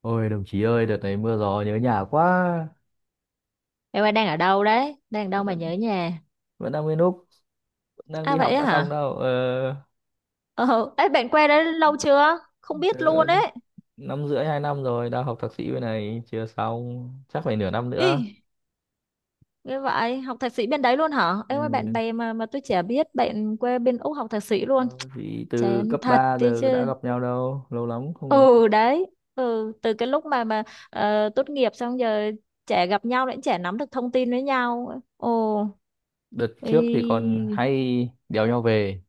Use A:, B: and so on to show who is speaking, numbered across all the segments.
A: Ôi đồng chí ơi, đợt này mưa gió nhớ nhà quá.
B: Em ơi đang ở đâu đấy? Đang ở đâu mà
A: Vẫn
B: nhớ nhà?
A: vẫn đang nguyên lúc, vẫn đang
B: À
A: đi
B: vậy
A: học
B: á
A: đã xong
B: hả?
A: đâu. Ờ,
B: Ờ, ấy bạn qua đấy lâu chưa? Không biết
A: ờ,
B: luôn ấy.
A: năm rưỡi hai năm rồi, đang học thạc sĩ bên này chưa xong, chắc phải nửa năm nữa.
B: Ý, như vậy, học thạc sĩ bên đấy luôn hả? Em ơi bạn
A: Ừ.
B: bè mà tôi chả biết bạn quê bên Úc học thạc sĩ luôn.
A: Ờ, Vì từ
B: Chán
A: cấp
B: thật
A: 3
B: đi
A: giờ đã
B: chứ.
A: gặp nhau đâu, lâu lắm không nói.
B: Ừ đấy. Ừ, từ cái lúc mà tốt nghiệp xong giờ chả gặp nhau nữa, chả nắm được thông tin với nhau. Ồ,
A: Đợt trước thì còn
B: ý.
A: hay đèo nhau về,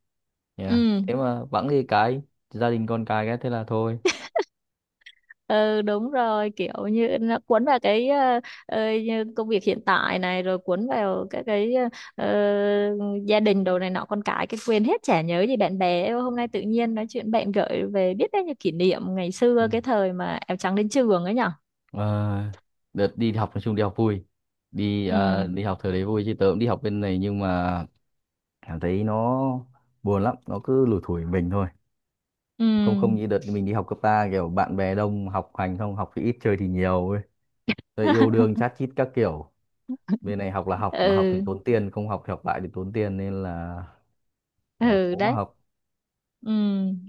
A: yeah.
B: Ừ.
A: Thế mà bẵng đi cái gia đình con cái thế là thôi.
B: Ừ đúng rồi kiểu như nó cuốn vào cái như công việc hiện tại này rồi cuốn vào các cái ờ, gia đình đồ này nọ con cái quên hết chả nhớ gì bạn bè. Ê, hôm nay tự nhiên nói chuyện bạn gợi về biết đấy như kỷ niệm ngày
A: Ừ.
B: xưa cái thời mà áo trắng đến trường ấy nhở.
A: Ờ, Đợt đi học nói chung đi học vui.
B: Ừ
A: Đi học thời đấy vui chứ tớ cũng đi học bên này, nhưng mà em thấy nó buồn lắm, nó cứ lủi thủi mình thôi,
B: ừ
A: không không như đợt mình đi học cấp ba kiểu bạn bè đông, học hành không học thì ít chơi thì nhiều ấy, rồi yêu đương chát chít các kiểu. Bên này học là học, mà học thì
B: ừ
A: tốn tiền, không học thì học lại thì tốn tiền, nên là
B: ừ
A: cố mà
B: đấy.
A: học.
B: Ừ,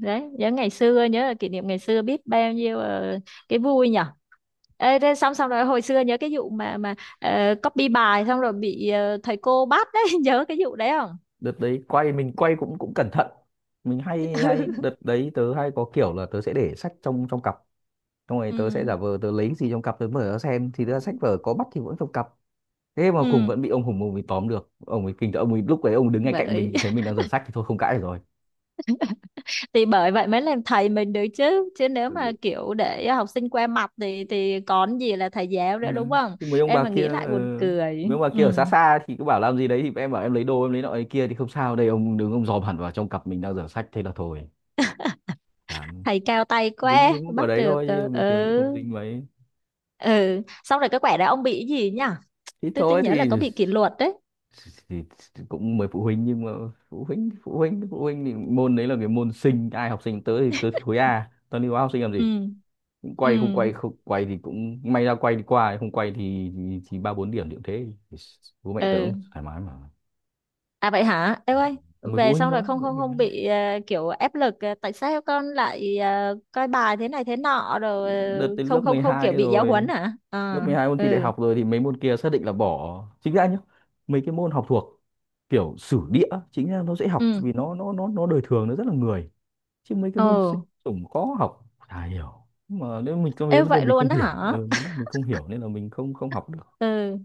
B: đấy, nhớ ngày xưa, nhớ là kỷ niệm ngày xưa biết bao nhiêu cái vui nhở. Ê, thế xong xong rồi hồi xưa nhớ cái vụ mà copy bài xong rồi bị thầy cô bắt đấy, nhớ cái vụ đấy không?
A: Đợt đấy quay mình quay cũng cũng cẩn thận, mình hay hay đợt đấy tớ hay có kiểu là tớ sẽ để sách trong trong cặp, xong rồi
B: Ừ,
A: tớ sẽ giả vờ tớ lấy cái gì trong cặp tớ mở ra xem, thì tớ sách vở có bắt thì vẫn trong cặp. Thế mà
B: ừ,
A: cùng
B: ừ.
A: vẫn bị ông Hùng ông ấy tóm được, ông ấy kinh tởm, ông ấy lúc ấy ông đứng ngay cạnh
B: Bởi
A: mình thấy mình đang rửa sách thì thôi không cãi được rồi.
B: thì bởi vậy mới làm thầy mình được chứ, chứ nếu
A: Ừ.
B: mà kiểu để học sinh qua mặt thì còn gì là thầy giáo nữa
A: Ừ.
B: đúng không?
A: Chứ mấy ông
B: Em
A: bà
B: mà
A: kia
B: nghĩ lại buồn
A: ờ,
B: cười.
A: mấy ông bà
B: Ừ.
A: kia ở xa xa thì cứ bảo làm gì đấy, thì em bảo em lấy đồ, em lấy nọ lấy kia thì không sao. Đây ông đứng ông dòm hẳn vào trong cặp mình đang rửa sách, thế là thôi, chán.
B: Thầy cao tay
A: dính
B: quá,
A: dính vào
B: bắt
A: đấy
B: được.
A: thôi chứ
B: Ờ,
A: bình thường thì
B: Ừ.
A: không dính mấy.
B: Ừ, xong rồi cái quẻ đó ông bị cái gì nhỉ?
A: Thì
B: Tôi
A: thôi
B: nhớ là
A: thì,
B: có bị kỷ luật đấy.
A: thì cũng mời phụ huynh, nhưng mà phụ huynh thì môn đấy là cái môn sinh, ai học sinh tới thì tới, khối A tao đi hóa học sinh làm gì,
B: Ừ ừ
A: quay không quay. Không quay thì cũng may, ra quay đi qua, không quay thì ba bốn điểm điểm thế. Thì bố mẹ tớ cũng
B: ừ,
A: thoải mái mà,
B: à vậy hả em ơi,
A: mười phụ
B: về
A: huynh
B: xong rồi
A: đó,
B: không
A: phụ
B: không
A: huynh đó.
B: không bị kiểu ép lực, tại sao con lại coi bài thế này thế nọ rồi
A: Đợt đến lớp
B: không không không
A: 12
B: kiểu bị giáo huấn
A: rồi,
B: hả
A: lớp
B: à.
A: 12 môn thi đại
B: Ừ
A: học rồi thì mấy môn kia xác định là bỏ chính ra nhá. Mấy cái môn học thuộc kiểu sử địa chính ra nó dễ học,
B: ừ
A: vì nó đời thường, nó rất là người, chứ mấy cái
B: ồ,
A: môn sinh tổng khó học chả hiểu. Nhưng mà nếu mình có mấy
B: ê
A: vấn đề
B: vậy
A: mình
B: luôn
A: không
B: đó
A: hiểu
B: hả.
A: ừ, mình không hiểu nên là mình không không học được.
B: Ừ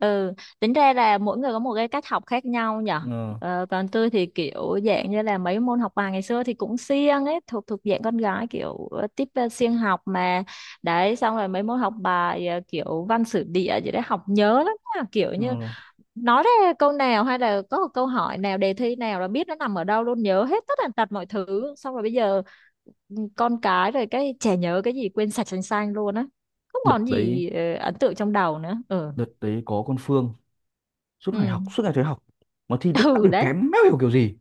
B: ừ, tính ra là mỗi người có một cái cách học khác nhau nhở.
A: Ờ,
B: Còn tôi thì kiểu dạng như là mấy môn học bài ngày xưa thì cũng siêng ấy, thuộc thuộc dạng con gái kiểu tiếp siêng học mà. Đấy xong rồi mấy môn học bài kiểu văn sử địa gì đấy học nhớ lắm nha. Kiểu
A: ờ.
B: như nói ra câu nào hay là có một câu hỏi nào đề thi nào là biết nó nằm ở đâu luôn nhớ hết tất tần tật mọi thứ xong rồi bây giờ con cái rồi cái trẻ nhớ cái gì quên sạch sành sanh luôn á. Không
A: đợt
B: còn
A: đấy
B: gì ấn tượng trong đầu nữa. Ừ
A: đợt đấy có con Phương suốt ngày
B: ừ
A: học, suốt ngày thấy học mà thi lúc nào
B: ừ
A: đều
B: đấy.
A: kém, méo hiểu kiểu gì.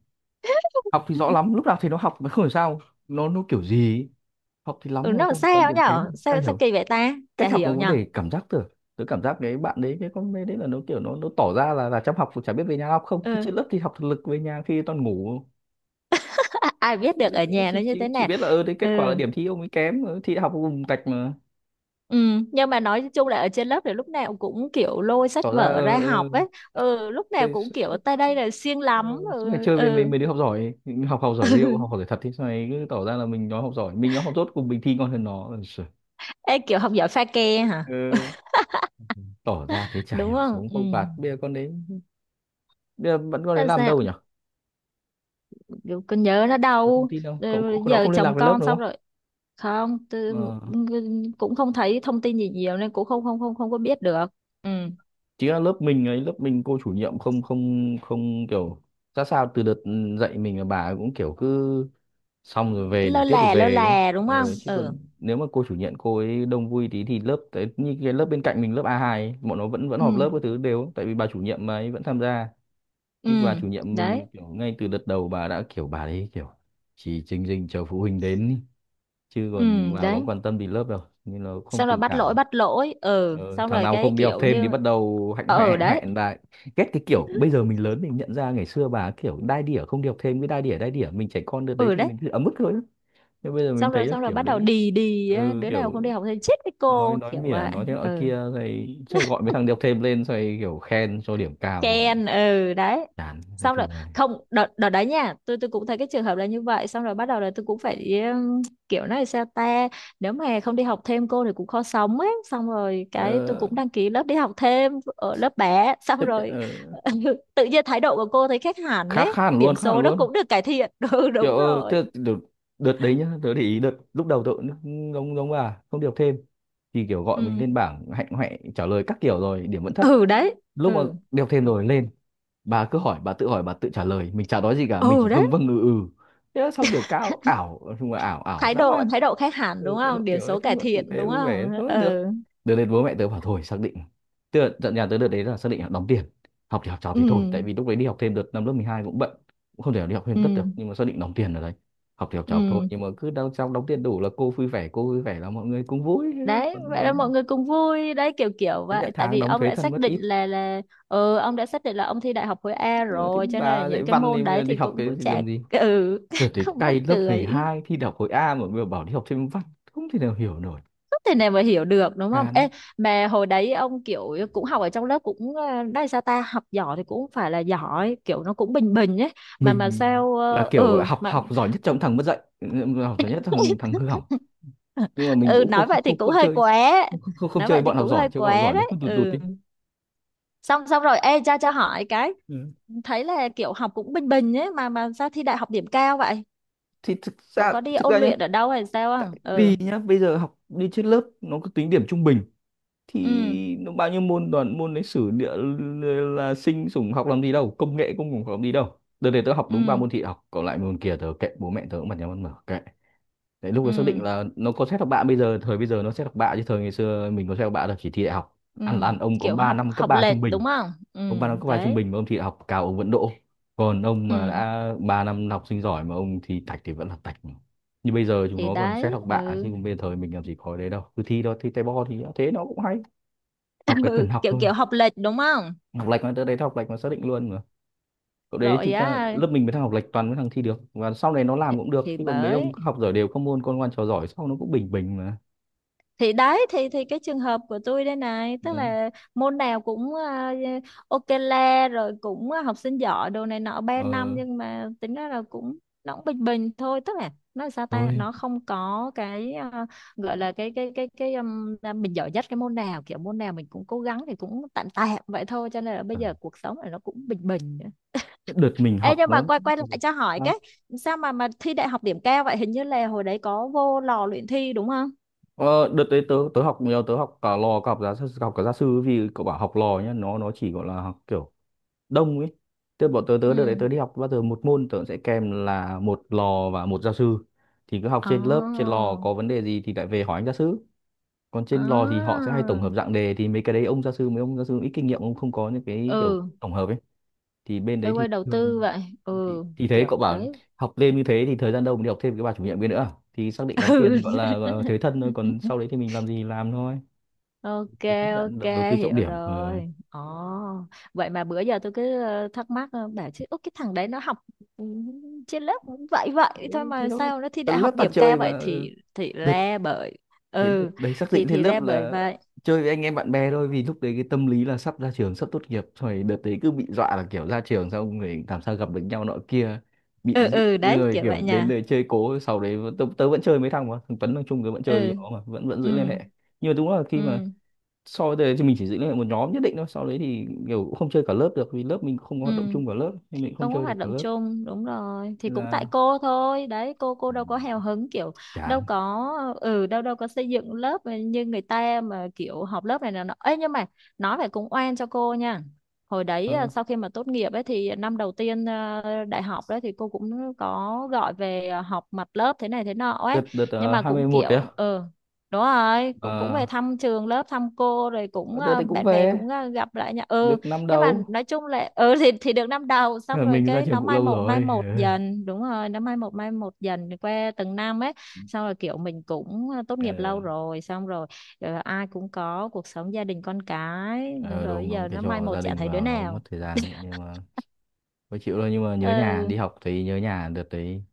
A: Học thì rõ lắm lúc nào, thì nó học mà không hiểu sao nó kiểu gì ấy. Học thì
B: Ừ
A: lắm mà
B: nó làm
A: cũng toàn
B: sao
A: điểm
B: nhở
A: kém, ai
B: sao sao
A: hiểu.
B: kỳ vậy ta chả
A: Cách học nó
B: hiểu
A: cũng
B: nhở.
A: để cảm giác tưởng, tớ cảm giác cái bạn đấy cái con bé đấy là nó kiểu nó tỏ ra là chăm học, chả biết về nhà học không, cứ
B: Ừ
A: trên lớp thì học thực lực, về nhà khi toàn ngủ.
B: ai biết
A: Chả
B: được
A: biết,
B: ở nhà
A: chỉ,
B: nó như
A: chỉ,
B: thế
A: chỉ
B: nào.
A: biết là ơ đấy kết quả là
B: Ừ
A: điểm thi ông ấy kém, thi đại học cũng vùng tạch mà.
B: ừ nhưng mà nói chung là ở trên lớp thì lúc nào cũng kiểu lôi sách
A: Tỏ ra
B: vở ra học ấy. Ừ lúc nào
A: thế.
B: cũng kiểu ta đây là siêng
A: Ừ,
B: lắm.
A: suốt ngày
B: Ừ
A: chơi với mấy
B: ừ.
A: mấy đứa học giỏi, học học giỏi real, học học giỏi thật, thì sau này cứ tỏ ra là mình nói học giỏi, mình nói học dốt cùng mình thi ngon hơn nó. Ôi giời,
B: Ê, kiểu học giỏi pha ke hả,
A: ừ. Tỏ ra thế chả
B: đúng
A: hiểu
B: không.
A: sống
B: Ừ,
A: không bạt bây giờ con đấy, bây giờ vẫn con đấy
B: làm
A: làm
B: sao,
A: đâu nhỉ,
B: kiểu con nhớ nó
A: có thông
B: đau.
A: tin đâu, cậu
B: Ừ,
A: cậu- nó
B: giờ
A: không liên lạc
B: chồng
A: với lớp
B: con
A: đúng
B: xong
A: không.
B: rồi. Không tôi
A: Ờ.
B: cũng không thấy thông tin gì nhiều nên cũng không không không không có biết được. Ừ
A: Chính là lớp mình ấy, lớp mình cô chủ nhiệm không không không kiểu ra sao. Từ đợt dạy mình là bà ấy cũng kiểu cứ xong rồi về,
B: cứ
A: đủ tiết thì
B: lơ
A: về ấy.
B: là đúng không.
A: Ờ, chứ
B: Ừ
A: còn nếu mà cô chủ nhiệm cô ấy đông vui tí thì lớp đấy như cái lớp bên cạnh mình lớp A2 ấy, bọn nó vẫn vẫn họp
B: ừ
A: lớp các thứ đều, tại vì bà chủ nhiệm mà ấy vẫn tham gia.
B: ừ
A: Thì bà chủ nhiệm
B: đấy.
A: mình kiểu ngay từ đợt đầu bà đã kiểu bà đấy kiểu chỉ chừng chừng chờ phụ huynh đến ý, chứ
B: Ừ
A: còn bà có
B: đấy
A: quan tâm gì lớp đâu nên nó không
B: xong rồi
A: tình
B: bắt lỗi
A: cảm.
B: bắt lỗi. Ừ
A: Ờ,
B: xong
A: thằng
B: rồi
A: nào
B: cái
A: không đi học
B: kiểu
A: thêm thì
B: như
A: bắt đầu hạnh hoẹ
B: ừ
A: hạnh
B: đấy.
A: hoẹn lại. Ghét cái kiểu bây giờ mình lớn mình nhận ra, ngày xưa bà kiểu đai đỉa không đi học thêm, cái đai đỉa mình, trẻ con được đấy
B: Ừ
A: thì
B: đấy
A: mình cứ ấm ức thôi, nhưng bây giờ mình
B: xong
A: thấy
B: rồi
A: là
B: xong rồi
A: kiểu
B: bắt đầu
A: đấy.
B: đì đì á,
A: Ừ,
B: đứa nào
A: kiểu
B: không đi học thì chết với
A: nói
B: cô
A: nói
B: kiểu
A: mỉa,
B: vậy.
A: nói thế nọ
B: Ừ
A: kia, rồi rồi gọi mấy thằng đi học thêm lên rồi kiểu khen cho điểm cao.
B: ken ừ đấy.
A: Chán, nói
B: Xong rồi
A: chung là
B: không đợt đợt đấy nha, tôi cũng thấy cái trường hợp là như vậy xong rồi bắt đầu là tôi cũng phải kiểu nói sao ta, nếu mà không đi học thêm cô thì cũng khó sống ấy xong rồi cái tôi
A: ờ,
B: cũng đăng ký lớp đi học thêm ở lớp bé xong
A: chấp nhận.
B: rồi
A: Ờ,
B: tự nhiên thái độ của cô thấy khác hẳn
A: khá
B: ấy,
A: khá hẳn luôn,
B: điểm
A: khá hẳn
B: số nó
A: luôn,
B: cũng được cải thiện. Ừ đúng
A: kiểu thế
B: rồi.
A: là đợt đấy nhá, tớ để ý đợt lúc đầu tớ cũng giống giống bà không được thêm thì kiểu gọi mình
B: Ừ
A: lên bảng hạnh hoẹ trả lời các kiểu rồi điểm vẫn thấp.
B: ừ đấy
A: Lúc mà
B: ừ
A: đi thêm rồi lên, bà cứ hỏi bà tự trả lời, mình chả nói gì cả, mình
B: ừ
A: chỉ
B: đấy.
A: vâng vâng ừ ừ, thế là xong, điểm cao ảo nói chung là ảo, ảo
B: thái
A: dã
B: độ
A: man.
B: thái độ khác hẳn đúng
A: Ừ, thái độ
B: không, điểm
A: kiểu nói
B: số cải
A: chung là tử
B: thiện
A: tế
B: đúng
A: vui vẻ
B: không.
A: thôi, được,
B: Ừ
A: được đến bố mẹ tớ bảo thôi xác định, tức là dặn nhà tớ đợt đấy là xác định là đóng tiền, học thì học trò
B: ừ
A: thì thôi, tại vì lúc đấy đi học thêm đợt năm lớp 12 cũng bận, cũng không thể nào đi học thêm
B: ừ
A: tất được nhưng mà xác định đóng tiền ở đấy. Học thì học trò học thôi,
B: ừ
A: nhưng mà cứ đau xong đóng tiền đủ là cô vui vẻ, cô vui vẻ là mọi người cũng vui, thế thôi.
B: đấy,
A: Còn
B: vậy là
A: còn
B: mọi người cùng vui đấy kiểu kiểu
A: đến nhận
B: vậy tại
A: tháng
B: vì
A: đóng
B: ông
A: thuế
B: đã
A: thân
B: xác
A: mất
B: định
A: ít.
B: là, ừ ông đã xác định là ông thi đại học khối A
A: Ờ, thì
B: rồi cho nên là
A: bà dạy
B: những cái
A: văn thì
B: môn
A: bây giờ
B: đấy
A: đi
B: thì
A: học
B: cũng
A: cái
B: cũng
A: thì
B: chả.
A: làm gì,
B: Ừ
A: đợt đấy
B: không mắc
A: cay, lớp mười
B: cười.
A: hai thi đại học khối A mà bây giờ bảo đi học thêm văn, không thể nào hiểu nổi.
B: Không thể nào mà hiểu được đúng không
A: Chán.
B: ê. Mà hồi đấy ông kiểu cũng học ở trong lớp cũng đây sao ta học giỏi thì cũng phải là giỏi kiểu nó cũng bình bình ấy, mà
A: Mình
B: sao
A: là kiểu gọi là
B: ừ
A: học
B: mà.
A: học giỏi nhất trong thằng mất dạy, ừ, học giỏi nhất thằng thằng hư hỏng, nhưng mà mình
B: Ừ
A: cũng không
B: nói
A: không
B: vậy thì
A: không,
B: cũng
A: không
B: hơi
A: chơi,
B: quá.
A: không, không không
B: Nói
A: chơi
B: vậy thì
A: bọn học
B: cũng
A: giỏi,
B: hơi
A: chơi bọn học
B: quá
A: giỏi nó cứ
B: đấy.
A: tụt tụt
B: Ừ
A: đi.
B: xong xong rồi ê cho hỏi cái,
A: Ừ.
B: thấy là kiểu học cũng bình bình ấy mà sao thi đại học điểm cao vậy,
A: Thì thực
B: có
A: ra
B: có đi
A: thực ra
B: ôn
A: nhá,
B: luyện ở đâu hay sao
A: tại
B: không. Ừ
A: vì nhá bây giờ học đi trên lớp nó cứ tính điểm trung bình,
B: ừ
A: thì nó bao nhiêu môn toàn môn lịch sử địa l- là sinh sủng học làm gì đâu, công nghệ cũng không học làm gì đâu, đợt này tớ học đúng ba
B: ừ
A: môn thị học, còn lại môn kia tớ kệ, bố mẹ tớ cũng bật nhau ăn mở kệ. Đấy, lúc ấy xác định
B: ừ
A: là nó có xét học bạ, bây giờ thời bây giờ nó xét học bạ, chứ thời ngày xưa mình có xét học bạ là chỉ thi đại học,
B: ừ,
A: ăn là ăn. Ông có
B: kiểu
A: 3
B: học
A: năm cấp
B: học
A: 3
B: lệch
A: trung bình,
B: đúng không. Ừ
A: ông 3 năm cấp 3 trung
B: đấy
A: bình mà ông thi đại học cao ông vẫn đỗ, còn ông mà
B: ừ
A: đã 3 năm học sinh giỏi mà ông thi tạch thì vẫn là tạch. Như bây giờ chúng
B: thì
A: nó còn xét
B: đấy
A: học bạ chứ
B: ừ,
A: còn bây giờ thời mình làm gì có đấy đâu, cứ thi đó thi tay bo thì thế nó cũng hay. Học cái cần
B: ừ.
A: học
B: kiểu
A: thôi,
B: kiểu học lệch đúng không.
A: học lệch nó tới đấy, học lệch nó xác định luôn mà. Cậu đấy
B: Rồi
A: thực ra
B: á
A: lớp mình với thằng học lệch toàn mấy thằng thi được và sau này nó làm cũng được,
B: thì
A: chứ còn mấy ông
B: bởi
A: cứ học giỏi đều các môn, con ngoan trò giỏi, sau nó cũng bình bình mà.
B: thì đấy thì cái trường hợp của tôi đây này tức
A: Đấy.
B: là môn nào cũng ok le rồi cũng học sinh giỏi đồ này nọ 3 năm
A: Ờ
B: nhưng mà tính ra là cũng nó cũng bình bình thôi tức là nó là sao ta
A: thôi.
B: nó không có cái gọi là cái là mình giỏi nhất cái môn nào kiểu môn nào mình cũng cố gắng thì cũng tạm tạm vậy thôi cho nên là bây
A: Ừ.
B: giờ cuộc sống này nó cũng bình bình nữa.
A: Cái đợt mình
B: Ê
A: học
B: nhưng mà
A: nó.
B: quay quay
A: Ừ.
B: lại cho hỏi cái,
A: Sao?
B: sao mà thi đại học điểm cao vậy, hình như là hồi đấy có vô lò luyện thi đúng không?
A: Ờ, Đợt đấy tớ tớ học nhiều, tớ học cả lò, cả học giáo sư, học cả gia sư. Vì cậu bảo học lò nhá, nó chỉ gọi là học kiểu đông ấy. Tớ bọn tớ tớ đợt đấy
B: Ừ.
A: tớ đi học, bao giờ một môn tớ sẽ kèm là một lò và một gia sư, thì cứ học
B: Ồ,
A: trên lớp, trên lò có vấn đề gì thì lại về hỏi anh gia sư. Còn trên lò thì họ
B: à,
A: sẽ hay tổng hợp dạng đề, thì mấy cái đấy ông gia sư, mấy ông gia sư ít kinh nghiệm ông không có những cái kiểu
B: ừ,
A: tổng hợp ấy, thì bên đấy
B: tôi
A: thì
B: quay đầu
A: thường.
B: tư vậy,
A: thì,
B: ừ,
A: thì thế
B: kiểu
A: cậu bảo
B: đấy,
A: học thêm như thế thì thời gian đâu mà đi học thêm cái bà chủ nhiệm kia nữa, thì xác định đóng
B: ừ,
A: tiền gọi là thế thân thôi, còn sau đấy thì mình làm gì thì làm thôi.
B: ok,
A: Thì chấp nhận
B: ok,
A: đầu tư trọng
B: hiểu
A: điểm. Ờ,
B: rồi, ồ, vậy mà bữa giờ tôi cứ thắc mắc, bảo chứ: "Ủa, cái thằng đấy nó học, ừ, trên lớp cũng vậy vậy thôi
A: thế
B: mà
A: thôi.
B: sao nó thi đại
A: Tần lớp
B: học
A: tạt
B: điểm
A: trời
B: cao vậy,
A: mà.
B: thì,
A: Ừ.
B: ra bởi,
A: Cái đợt
B: ừ,
A: đấy xác định
B: thì,
A: thế, lớp
B: ra bởi
A: là
B: vậy,
A: chơi với anh em bạn bè thôi, vì lúc đấy cái tâm lý là sắp ra trường, sắp tốt nghiệp rồi, đợt đấy cứ bị dọa là kiểu ra trường xong rồi làm sao gặp được nhau nọ kia, bị
B: ừ,
A: dị
B: ừ, đấy,
A: người
B: kiểu
A: kiểu
B: vậy
A: đến
B: nha,
A: đây chơi cố. Sau đấy tớ vẫn chơi mấy thằng, mà thằng Tuấn, thằng Trung tớ vẫn chơi với
B: ừ,
A: nó, mà vẫn vẫn giữ liên
B: ừ,
A: hệ. Nhưng mà đúng là khi mà
B: ừ,
A: so với đây thì mình chỉ giữ liên hệ một nhóm nhất định thôi, sau đấy thì kiểu cũng không chơi cả lớp được, vì lớp mình không có
B: ừ."
A: hoạt động chung cả lớp nên mình không
B: Không có
A: chơi
B: hoạt
A: được cả
B: động
A: lớp.
B: chung đúng rồi thì
A: Nên
B: cũng tại
A: là.
B: cô thôi đấy cô
A: Ừ,
B: đâu có hào hứng kiểu đâu
A: chán.
B: có. Ừ đâu đâu có xây dựng lớp như người ta mà kiểu họp lớp này là nó ấy nhưng mà nói phải cũng oan cho cô nha. Hồi đấy
A: ờ,
B: sau khi mà tốt nghiệp ấy thì năm đầu tiên đại học đấy thì cô cũng có gọi về họp mặt lớp thế này thế nọ ấy,
A: đợt
B: nhưng
A: đợt uh,
B: mà cũng
A: 21 đấy
B: kiểu
A: à?
B: ừ đúng rồi cũng cũng về thăm trường lớp thăm cô rồi cũng
A: Ờ, đợt đấy cũng
B: bạn bè
A: về
B: cũng gặp lại nha. Ừ
A: được năm
B: nhưng mà
A: đâu.
B: nói chung là ừ thì được năm đầu xong
A: Ờ,
B: rồi
A: mình ra
B: cái
A: trường
B: nó
A: cũng lâu
B: mai
A: rồi.
B: một dần đúng rồi nó mai một dần qua từng năm ấy. Xong rồi kiểu mình cũng tốt
A: Ờ.
B: nghiệp lâu rồi xong rồi ai cũng có cuộc sống gia đình con cái xong
A: Ờ,
B: rồi
A: đúng đúng
B: giờ
A: cái
B: nó mai
A: cho
B: một
A: gia
B: chả
A: đình
B: thấy đứa
A: vào nó mất
B: nào.
A: thời gian đấy, nhưng mà phải chịu thôi. Nhưng mà nhớ nhà,
B: Ừ
A: đi học thì nhớ nhà. Đợt đấy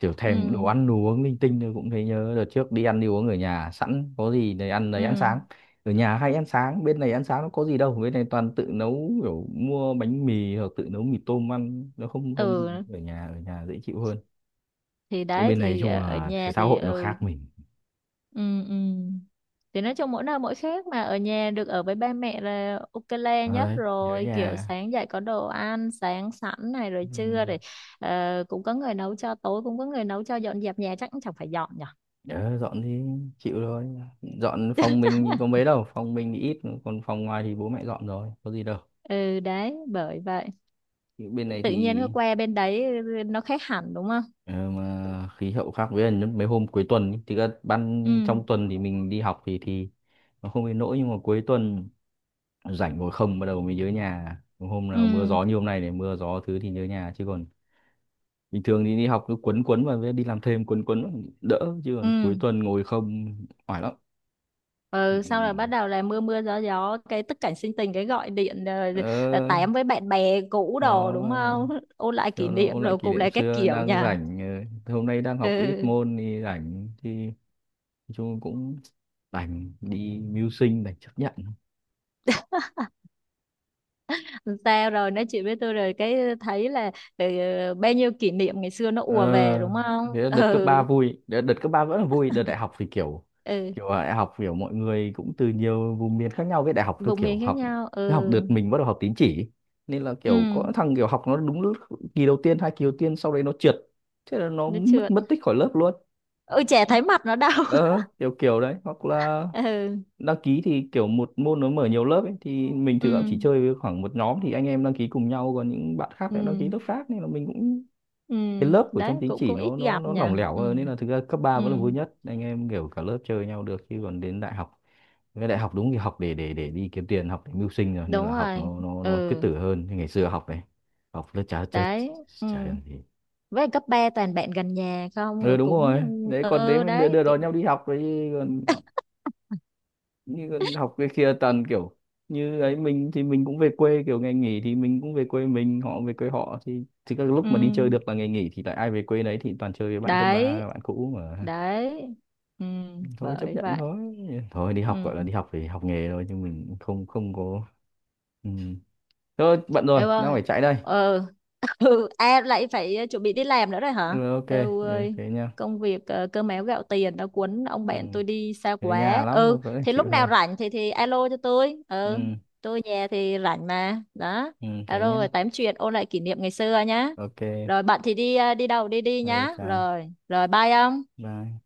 A: kiểu
B: ừ
A: thèm đồ ăn đồ uống linh tinh thôi cũng thấy nhớ. Đợt trước đi ăn đi uống ở nhà sẵn có gì để ăn đấy, ăn
B: ừ
A: sáng ở nhà hay ăn sáng, bên này ăn sáng nó có gì đâu, bên này toàn tự nấu kiểu mua bánh mì hoặc tự nấu mì tôm ăn, nó không.
B: ừ,
A: Ở nhà, ở nhà dễ chịu hơn.
B: thì đấy
A: Bên này
B: thì
A: chung
B: ở
A: là
B: nhà
A: xã
B: thì
A: hội nó
B: ừ
A: khác mình.
B: ừ ừ, thì nói chung mỗi nơi mỗi khác mà ở nhà được ở với ba mẹ là ok le
A: Ở
B: nhất
A: đấy nhớ
B: rồi kiểu
A: nhà.
B: sáng dậy có đồ ăn sáng sẵn này rồi
A: Ừ.
B: trưa rồi cũng có người nấu cho tối cũng có người nấu cho dọn dẹp nhà chắc cũng chẳng phải dọn nhở.
A: Đó, dọn thì chịu rồi. Dọn phòng mình thì có mấy đâu, phòng mình thì ít, còn phòng ngoài thì bố mẹ dọn rồi, có gì đâu.
B: Ừ đấy bởi vậy
A: Nhưng bên này
B: tự nhiên
A: thì
B: nó qua bên đấy nó khác hẳn đúng không.
A: ờ, mà khí hậu khác, với là mấy hôm cuối tuần ý, thì ra
B: Ừ
A: ban trong tuần thì mình đi học thì nó không đến nỗi, nhưng mà cuối tuần rảnh ngồi không bắt đầu mới nhớ nhà. Hôm nào mưa
B: ừ
A: gió như hôm nay này, mưa gió thứ thì nhớ nhà, chứ còn bình thường thì đi học cứ quấn quấn và với đi làm thêm quấn quấn vào đỡ, chứ
B: ừ.
A: còn cuối tuần ngồi không oải lắm. Ừ.
B: Ừ, sau là bắt đầu là mưa mưa gió gió cái tức cảnh sinh tình cái gọi điện
A: Ừ.
B: tám với bạn bè cũ
A: ờ
B: đồ đúng
A: cho nó
B: không ôn lại kỷ
A: cho nó
B: niệm
A: ôn lại
B: rồi
A: kỷ
B: cùng
A: niệm
B: là các
A: xưa,
B: kiểu
A: đang
B: nha.
A: rảnh. Ờ, hôm nay đang học ít
B: Ừ.
A: môn thì rảnh thì nói chung cũng đành đi mưu sinh, đành chấp nhận.
B: Sao rồi nói chuyện với tôi rồi cái thấy là ừ, bao nhiêu kỷ niệm ngày xưa nó ùa về
A: Ờ,
B: đúng không.
A: thế là đợt cấp 3
B: Ừ
A: vui, đợt cấp ba vẫn là vui, đợt đại học thì kiểu,
B: ừ
A: kiểu là đại học kiểu mọi người cũng từ nhiều vùng miền khác nhau. Với đại học tôi
B: vùng
A: kiểu
B: miền khác
A: học,
B: nhau.
A: cái học
B: Ừ
A: đợt mình bắt đầu học tín chỉ, nên là
B: ừ
A: kiểu có thằng kiểu học nó đúng lúc kỳ đầu tiên, hai kỳ đầu tiên, sau đấy nó trượt, thế là nó
B: nó
A: mất
B: trượt.
A: mất tích khỏi lớp luôn.
B: Ừ trẻ thấy mặt nó đau.
A: Ờ, kiểu kiểu đấy. Hoặc là
B: Ừ
A: đăng ký thì kiểu một môn nó mở nhiều lớp ấy, thì mình
B: ừ
A: thực ra cũng chỉ chơi với khoảng một nhóm thì anh em đăng ký cùng nhau, còn những bạn khác lại đăng
B: ừ
A: ký lớp khác, nên là mình cũng,
B: ừ
A: cái lớp của
B: đấy
A: trong tín
B: cũng
A: chỉ
B: cũng ít
A: nó nó
B: gặp
A: nó
B: nhỉ.
A: lỏng lẻo
B: Ừ
A: hơn. Nên là thực ra cấp ba
B: ừ
A: vẫn là vui nhất, anh em kiểu cả lớp chơi nhau được, chứ còn đến đại học, cái đại học đúng thì học để để đi kiếm tiền, học để mưu sinh rồi, nên
B: đúng
A: là học
B: rồi
A: nó cứ
B: ừ
A: tử hơn. Như ngày xưa học này, học lớp chả chớ,
B: đấy ừ.
A: chả làm gì.
B: Với cấp 3 toàn bạn gần nhà không
A: Ừ,
B: rồi
A: đúng
B: cũng
A: rồi đấy, còn thế
B: ừ
A: mới đưa,
B: đấy
A: đưa đón nhau đi học đấy. Còn như con học cái kia tần kiểu như ấy, mình thì mình cũng về quê kiểu ngày nghỉ thì mình cũng về quê mình, họ về quê họ, thì các
B: ừ.
A: lúc mà đi chơi được là ngày nghỉ thì lại ai về quê đấy, thì toàn chơi với bạn cấp
B: Đấy
A: ba, bạn cũ mà.
B: đấy ừ.
A: Thôi chấp
B: Bởi
A: nhận
B: vậy.
A: thôi. Thôi đi học gọi là
B: Ừ.
A: đi học thì học nghề thôi, chứ mình cũng không không có. Ừ. Thôi bận rồi,
B: Em
A: đang
B: ơi,
A: phải chạy đây.
B: ừ ừ em lại phải chuẩn bị đi làm nữa rồi hả.
A: Ừ, ok.
B: Eo
A: Ừ,
B: ơi,
A: thế nha.
B: công việc cơm áo gạo tiền đã cuốn ông
A: Ừ.
B: bạn tôi đi xa
A: Ở nhà
B: quá.
A: lắm mà
B: Ừ
A: vẫn phải
B: thì
A: chịu
B: lúc nào
A: thôi.
B: rảnh thì alo cho tôi,
A: Ừ.
B: ừ tôi nhà thì rảnh mà đó,
A: Ừ, thế
B: alo
A: nhá.
B: rồi tám chuyện ôn lại kỷ niệm ngày xưa nhá.
A: Ok.
B: Rồi bạn thì đi đi đâu đi đi
A: Ừ,
B: nhá
A: chào.
B: rồi rồi bye ông.
A: Bye.